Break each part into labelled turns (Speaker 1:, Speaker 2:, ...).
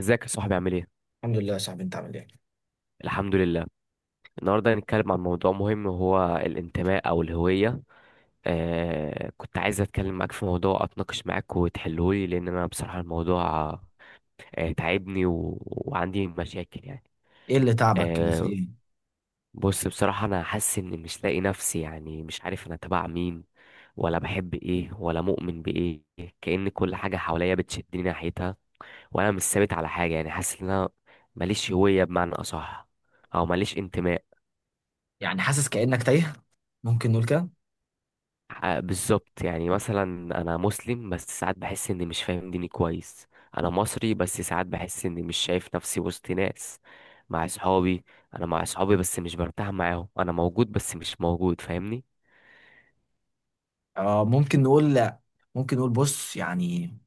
Speaker 1: ازيك يا صاحبي، عامل ايه؟
Speaker 2: الحمد لله يا صاحبي، انت عامل ايه؟
Speaker 1: الحمد لله. النهارده هنتكلم عن موضوع مهم، وهو الانتماء او الهوية. كنت عايز اتكلم معاك في موضوع، اتناقش معاك وتحلهولي، لان انا بصراحة الموضوع تعبني، وعندي مشاكل يعني.
Speaker 2: ايه اللي تعبك كده، في
Speaker 1: آه
Speaker 2: ايه؟
Speaker 1: بص، بصراحة انا حاسس اني مش لاقي نفسي، يعني مش عارف انا تبع مين، ولا بحب ايه، ولا مؤمن بايه. كأن كل حاجة حواليا بتشدني ناحيتها، وانا مش ثابت على حاجة. يعني حاسس ان انا ماليش هوية بمعنى اصح، او ماليش انتماء.
Speaker 2: يعني حاسس كأنك تايه؟ ممكن نقول كده؟
Speaker 1: بالظبط. يعني مثلا انا مسلم، بس ساعات بحس اني مش فاهم ديني كويس. انا مصري، بس ساعات بحس اني مش شايف نفسي وسط ناس. مع اصحابي، انا مع اصحابي بس مش برتاح معاهم. انا موجود بس مش موجود، فاهمني؟
Speaker 2: اه، ممكن نقول لا. ممكن نقول بص، يعني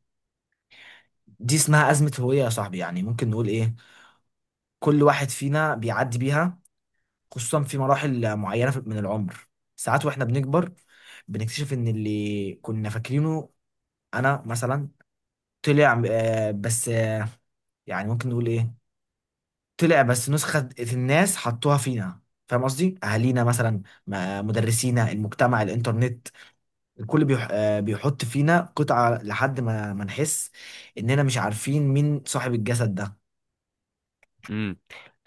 Speaker 2: دي اسمها أزمة هوية يا صاحبي. يعني ممكن نقول ايه؟ كل واحد فينا بيعدي بيها، خصوصا في مراحل معينة من العمر. ساعات واحنا بنكبر، بنكتشف ان اللي كنا فاكرينه انا مثلا طلع، آه، بس آه، يعني ممكن نقول ايه؟ طلع بس نسخة الناس حطوها فينا. فاهم قصدي؟ أهالينا مثلا، مدرسينا، المجتمع، الإنترنت. الكل بيحط فينا قطعة لحد ما نحس إننا مش عارفين مين صاحب الجسد ده.
Speaker 1: امم.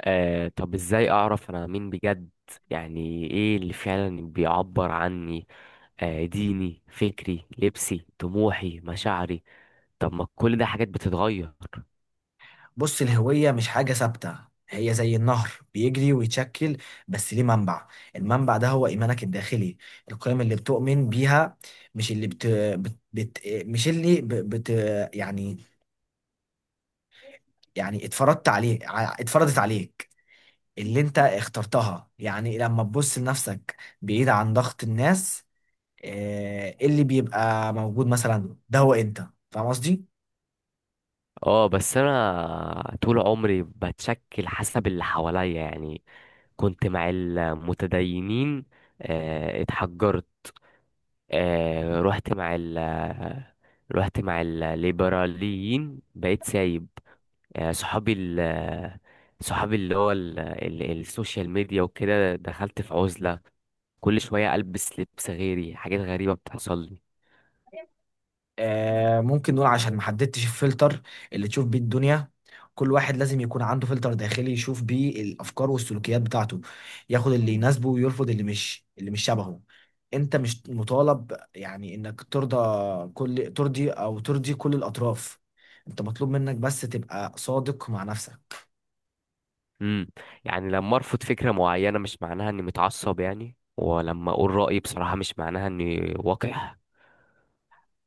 Speaker 1: طب ازاي اعرف انا مين بجد؟ يعني ايه اللي فعلا بيعبر عني؟ ديني، فكري، لبسي، طموحي، مشاعري. طب ما كل ده حاجات بتتغير.
Speaker 2: بص، الهوية مش حاجة ثابتة. هي زي النهر بيجري ويتشكل، بس ليه منبع. المنبع ده هو إيمانك الداخلي، القيم اللي بتؤمن بيها، مش اللي بت... بت... بت... مش اللي ب... بت... يعني اتفرضت عليك. اللي انت اخترتها، يعني لما تبص لنفسك بعيد عن ضغط الناس، اللي بيبقى موجود مثلا ده هو انت. فاهم قصدي؟
Speaker 1: اه، بس انا طول عمري بتشكل حسب اللي حواليا يعني. كنت مع المتدينين، اتحجرت. آه، رحت مع ال رحت مع الليبراليين، بقيت سايب. آه، صحابي ال صحابي اللي هو السوشيال ميديا وكده، دخلت في عزلة. كل شوية ألبس لبس غيري، حاجات غريبة بتحصل لي.
Speaker 2: ممكن نقول عشان ما حددتش الفلتر اللي تشوف بيه الدنيا. كل واحد لازم يكون عنده فلتر داخلي يشوف بيه الافكار والسلوكيات بتاعته. ياخد اللي يناسبه ويرفض اللي مش شبهه. انت مش مطالب يعني انك ترضى كل ترضي او ترضي كل الاطراف. انت مطلوب منك بس تبقى صادق مع نفسك.
Speaker 1: امم. يعني لما ارفض فكره معينه مش معناها اني متعصب، يعني ولما اقول رايي بصراحه مش معناها اني وقح.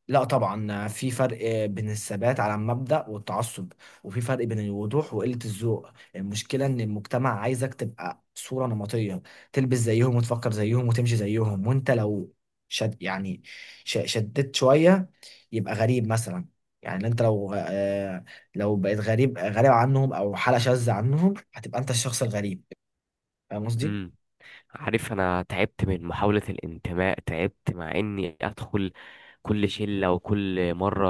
Speaker 2: لا طبعا، في فرق بين الثبات على المبدأ والتعصب، وفي فرق بين الوضوح وقلة الذوق. المشكلة ان المجتمع عايزك تبقى صورة نمطية، تلبس زيهم وتفكر زيهم وتمشي زيهم. وانت لو شد يعني شددت شوية يبقى غريب مثلا. يعني انت لو، لو بقيت غريب غريب عنهم او حالة شاذة عنهم، هتبقى انت الشخص الغريب. فاهم قصدي؟
Speaker 1: امم. عارف، انا تعبت من محاوله الانتماء. تعبت مع اني ادخل كل شله، وكل مره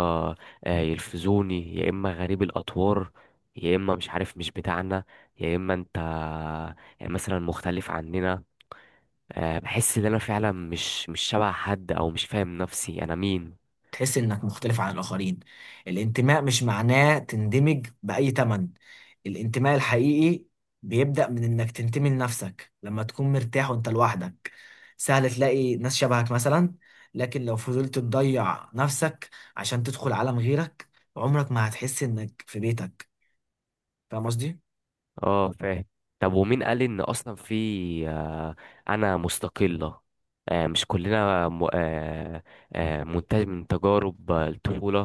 Speaker 1: يلفزوني يا اما غريب الاطوار، يا اما مش عارف مش بتاعنا، يا اما انت يعني مثلا مختلف عننا. بحس ان انا فعلا مش شبه حد، او مش فاهم نفسي انا مين.
Speaker 2: تحس انك مختلف عن الاخرين. الانتماء مش معناه تندمج باي تمن. الانتماء الحقيقي بيبدأ من انك تنتمي لنفسك. لما تكون مرتاح وانت لوحدك، سهل تلاقي ناس شبهك مثلا. لكن لو فضلت تضيع نفسك عشان تدخل عالم غيرك، عمرك ما هتحس انك في بيتك. فاهم قصدي؟
Speaker 1: اه، فاهم. طب ومين قال ان اصلا في آه، انا مستقلة؟ مش كلنا منتج من تجارب الطفولة،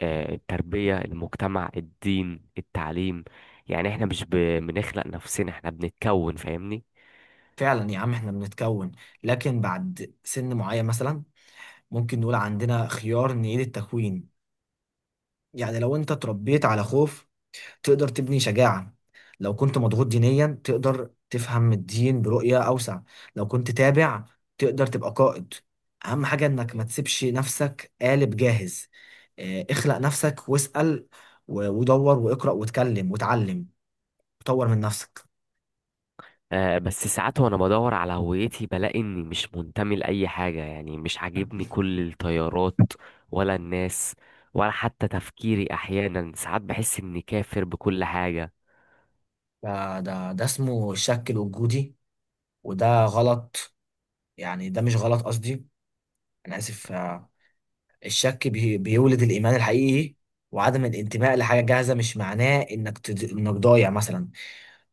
Speaker 1: التربية، المجتمع، الدين، التعليم. يعني احنا مش ب- بنخلق نفسنا، احنا بنتكون، فاهمني؟
Speaker 2: فعلا يا عم، احنا بنتكون، لكن بعد سن معين مثلا ممكن نقول عندنا خيار نعيد التكوين. يعني لو انت اتربيت على خوف، تقدر تبني شجاعة. لو كنت مضغوط دينيا، تقدر تفهم الدين برؤية أوسع. لو كنت تابع، تقدر تبقى قائد. أهم حاجة إنك ما تسيبش نفسك قالب جاهز. اخلق نفسك، واسأل ودور واقرأ واتكلم واتعلم وطور من نفسك.
Speaker 1: بس ساعات وانا بدور على هويتي بلاقي اني مش منتمي لأي حاجة. يعني مش عاجبني كل التيارات، ولا الناس، ولا حتى تفكيري. احيانا ساعات بحس اني كافر بكل حاجة.
Speaker 2: ده اسمه الشك الوجودي. وده غلط، يعني ده مش غلط قصدي، أنا آسف. الشك بيولد الإيمان الحقيقي. وعدم الانتماء لحاجة جاهزة مش معناه إنك ضايع مثلا.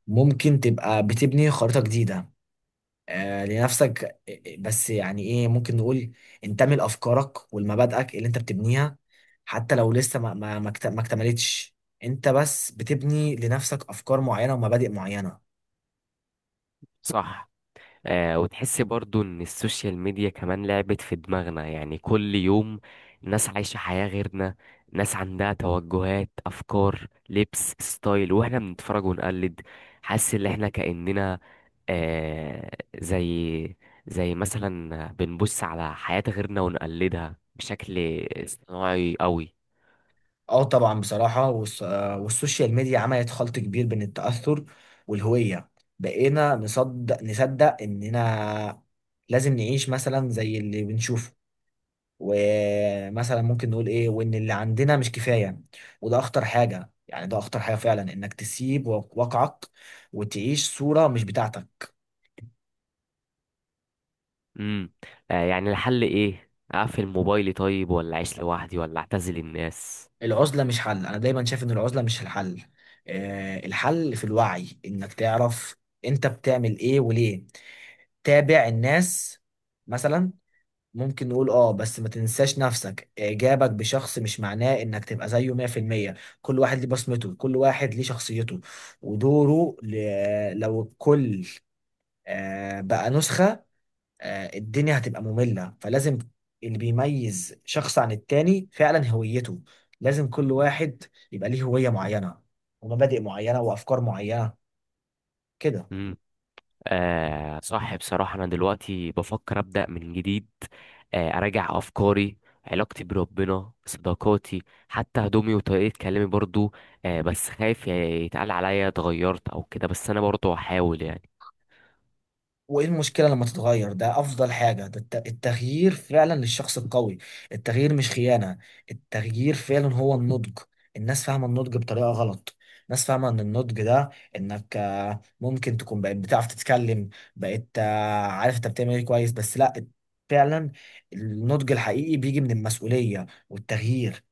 Speaker 2: ممكن تبقى بتبني خريطة جديدة لنفسك. بس يعني إيه ممكن نقول، انتمي لأفكارك ولمبادئك اللي أنت بتبنيها، حتى لو لسه ما اكتملتش. أنت بس بتبني لنفسك أفكار معينة ومبادئ معينة.
Speaker 1: صح. وتحس برضو ان السوشيال ميديا كمان لعبت في دماغنا. يعني كل يوم ناس عايشة حياة غيرنا، ناس عندها توجهات، افكار، لبس، ستايل، واحنا بنتفرج ونقلد. حاسس ان احنا كأننا آه زي زي مثلا بنبص على حياة غيرنا ونقلدها بشكل صناعي قوي.
Speaker 2: اه طبعا، بصراحة والسوشيال ميديا عملت خلط كبير بين التأثر والهوية. بقينا نصدق إننا لازم نعيش مثلا زي اللي بنشوفه، ومثلا ممكن نقول إيه، وإن اللي عندنا مش كفاية. وده أخطر حاجة، يعني ده أخطر حاجة فعلا إنك تسيب واقعك وتعيش صورة مش بتاعتك.
Speaker 1: امم. يعني الحل ايه؟ اقفل موبايلي؟ طيب ولا اعيش لوحدي، ولا اعتزل الناس؟
Speaker 2: العزلة مش حل. أنا دايما شايف إن العزلة مش الحل. الحل في الوعي، إنك تعرف أنت بتعمل إيه وليه. تابع الناس مثلا، ممكن نقول اه، بس ما تنساش نفسك. اعجابك بشخص مش معناه انك تبقى زيه 100%. كل واحد ليه بصمته، كل واحد ليه شخصيته ودوره. لو الكل بقى نسخة، الدنيا هتبقى مملة. فلازم اللي بيميز شخص عن التاني فعلا هويته. لازم كل واحد يبقى ليه هوية معينة ومبادئ معينة وأفكار معينة كده.
Speaker 1: آه، صح. بصراحة أنا دلوقتي بفكر أبدأ من جديد. أراجع أفكاري، علاقتي بربنا، صداقاتي، حتى هدومي وطريقة كلامي برضو. بس خايف يتقال عليا اتغيرت أو كده، بس أنا برضو هحاول يعني.
Speaker 2: وايه المشكلة لما تتغير؟ ده افضل حاجة. ده التغيير فعلا للشخص القوي. التغيير مش خيانة، التغيير فعلا هو النضج. الناس فاهمة النضج بطريقة غلط. الناس فاهمة ان النضج ده انك، ممكن تكون بقيت بتعرف تتكلم، بقيت عارف انت بتعمل ايه كويس. بس لا، فعلا النضج الحقيقي بيجي من المسؤولية والتغيير.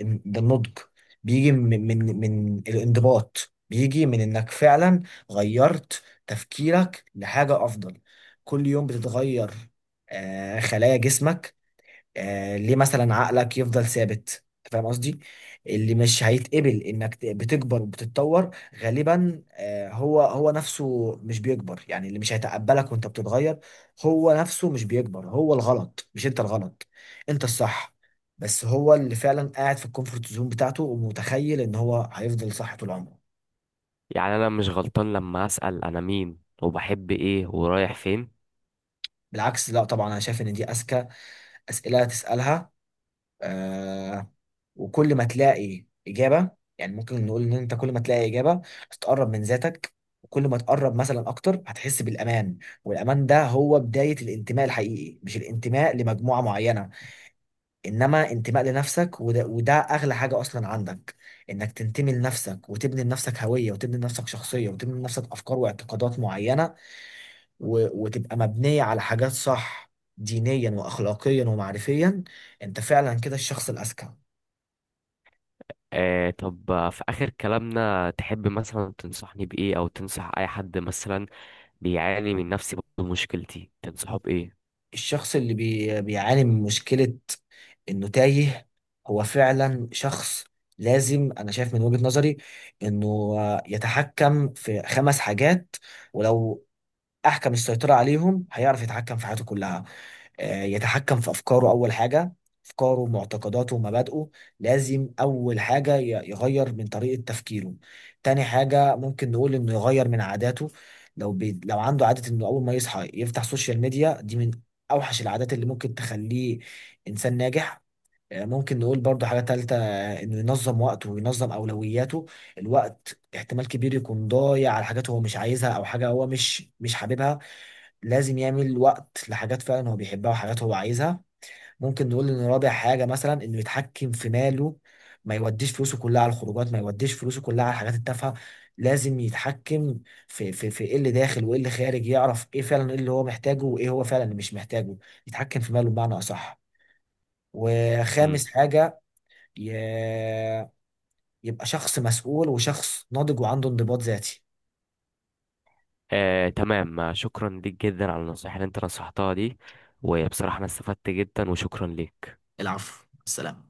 Speaker 2: ده النضج، بيجي من الانضباط، بيجي من انك فعلا غيرت تفكيرك لحاجة افضل. كل يوم بتتغير خلايا جسمك، ليه مثلا عقلك يفضل ثابت؟ انت فاهم قصدي؟ اللي مش هيتقبل انك بتكبر وبتتطور، غالبا هو هو نفسه مش بيكبر. يعني اللي مش هيتقبلك وانت بتتغير، هو نفسه مش بيكبر. هو الغلط، مش انت الغلط. انت الصح، بس هو اللي فعلا قاعد في الكومفورت زون بتاعته ومتخيل ان هو هيفضل صح طول عمره.
Speaker 1: يعني أنا مش غلطان لما أسأل أنا مين، وبحب إيه، ورايح فين؟
Speaker 2: بالعكس، لا طبعا، انا شايف ان دي اذكى اسئله تسالها. آه، وكل ما تلاقي إجابة، يعني ممكن نقول إن أنت كل ما تلاقي إجابة هتقرب من ذاتك. وكل ما تقرب مثلا أكتر، هتحس بالأمان. والأمان ده هو بداية الانتماء الحقيقي، مش الانتماء لمجموعة معينة، إنما انتماء لنفسك. وده أغلى حاجة أصلا عندك، إنك تنتمي لنفسك وتبني لنفسك هوية، وتبني لنفسك شخصية، وتبني لنفسك أفكار واعتقادات معينة وتبقى مبنية على حاجات صح، دينيا وأخلاقيا ومعرفيا. أنت فعلا كده الشخص الأذكى.
Speaker 1: طب، في آخر كلامنا تحب مثلا تنصحني بإيه؟ أو تنصح أي حد مثلا بيعاني من نفس مشكلتي، تنصحه بإيه؟
Speaker 2: الشخص اللي بيعاني من مشكلة انه تايه، هو فعلا شخص لازم، انا شايف من وجهة نظري، انه يتحكم في خمس حاجات. ولو احكم السيطره عليهم، هيعرف يتحكم في حياته كلها. يتحكم في افكاره اول حاجه. افكاره، معتقداته ومبادئه. لازم اول حاجه يغير من طريقه تفكيره. تاني حاجه ممكن نقول انه يغير من عاداته. لو عنده عاده انه اول ما يصحى يفتح سوشيال ميديا، دي من اوحش العادات اللي ممكن تخليه انسان ناجح. ممكن نقول برضو حاجة تالتة، انه ينظم وقته وينظم اولوياته. الوقت احتمال كبير يكون ضايع على حاجات هو مش عايزها، او حاجة هو مش حاببها. لازم يعمل وقت لحاجات فعلا هو بيحبها وحاجات هو عايزها. ممكن نقول ان رابع حاجة مثلا انه يتحكم في ماله. ما يوديش فلوسه كلها على الخروجات، ما يوديش فلوسه كلها على الحاجات التافهة. لازم يتحكم في ايه اللي داخل وايه اللي خارج. يعرف ايه فعلا، ايه اللي هو محتاجه وايه هو فعلا اللي مش محتاجه. يتحكم في ماله بمعنى اصح. وخامس
Speaker 1: مم.
Speaker 2: حاجة ي... يبقى شخص مسؤول وشخص ناضج وعنده انضباط ذاتي.
Speaker 1: آه، تمام. شكرا ليك جدا على النصائح اللي انت نصحتها دي، وبصراحة انا استفدت جدا، وشكرا ليك.
Speaker 2: العفو، السلام.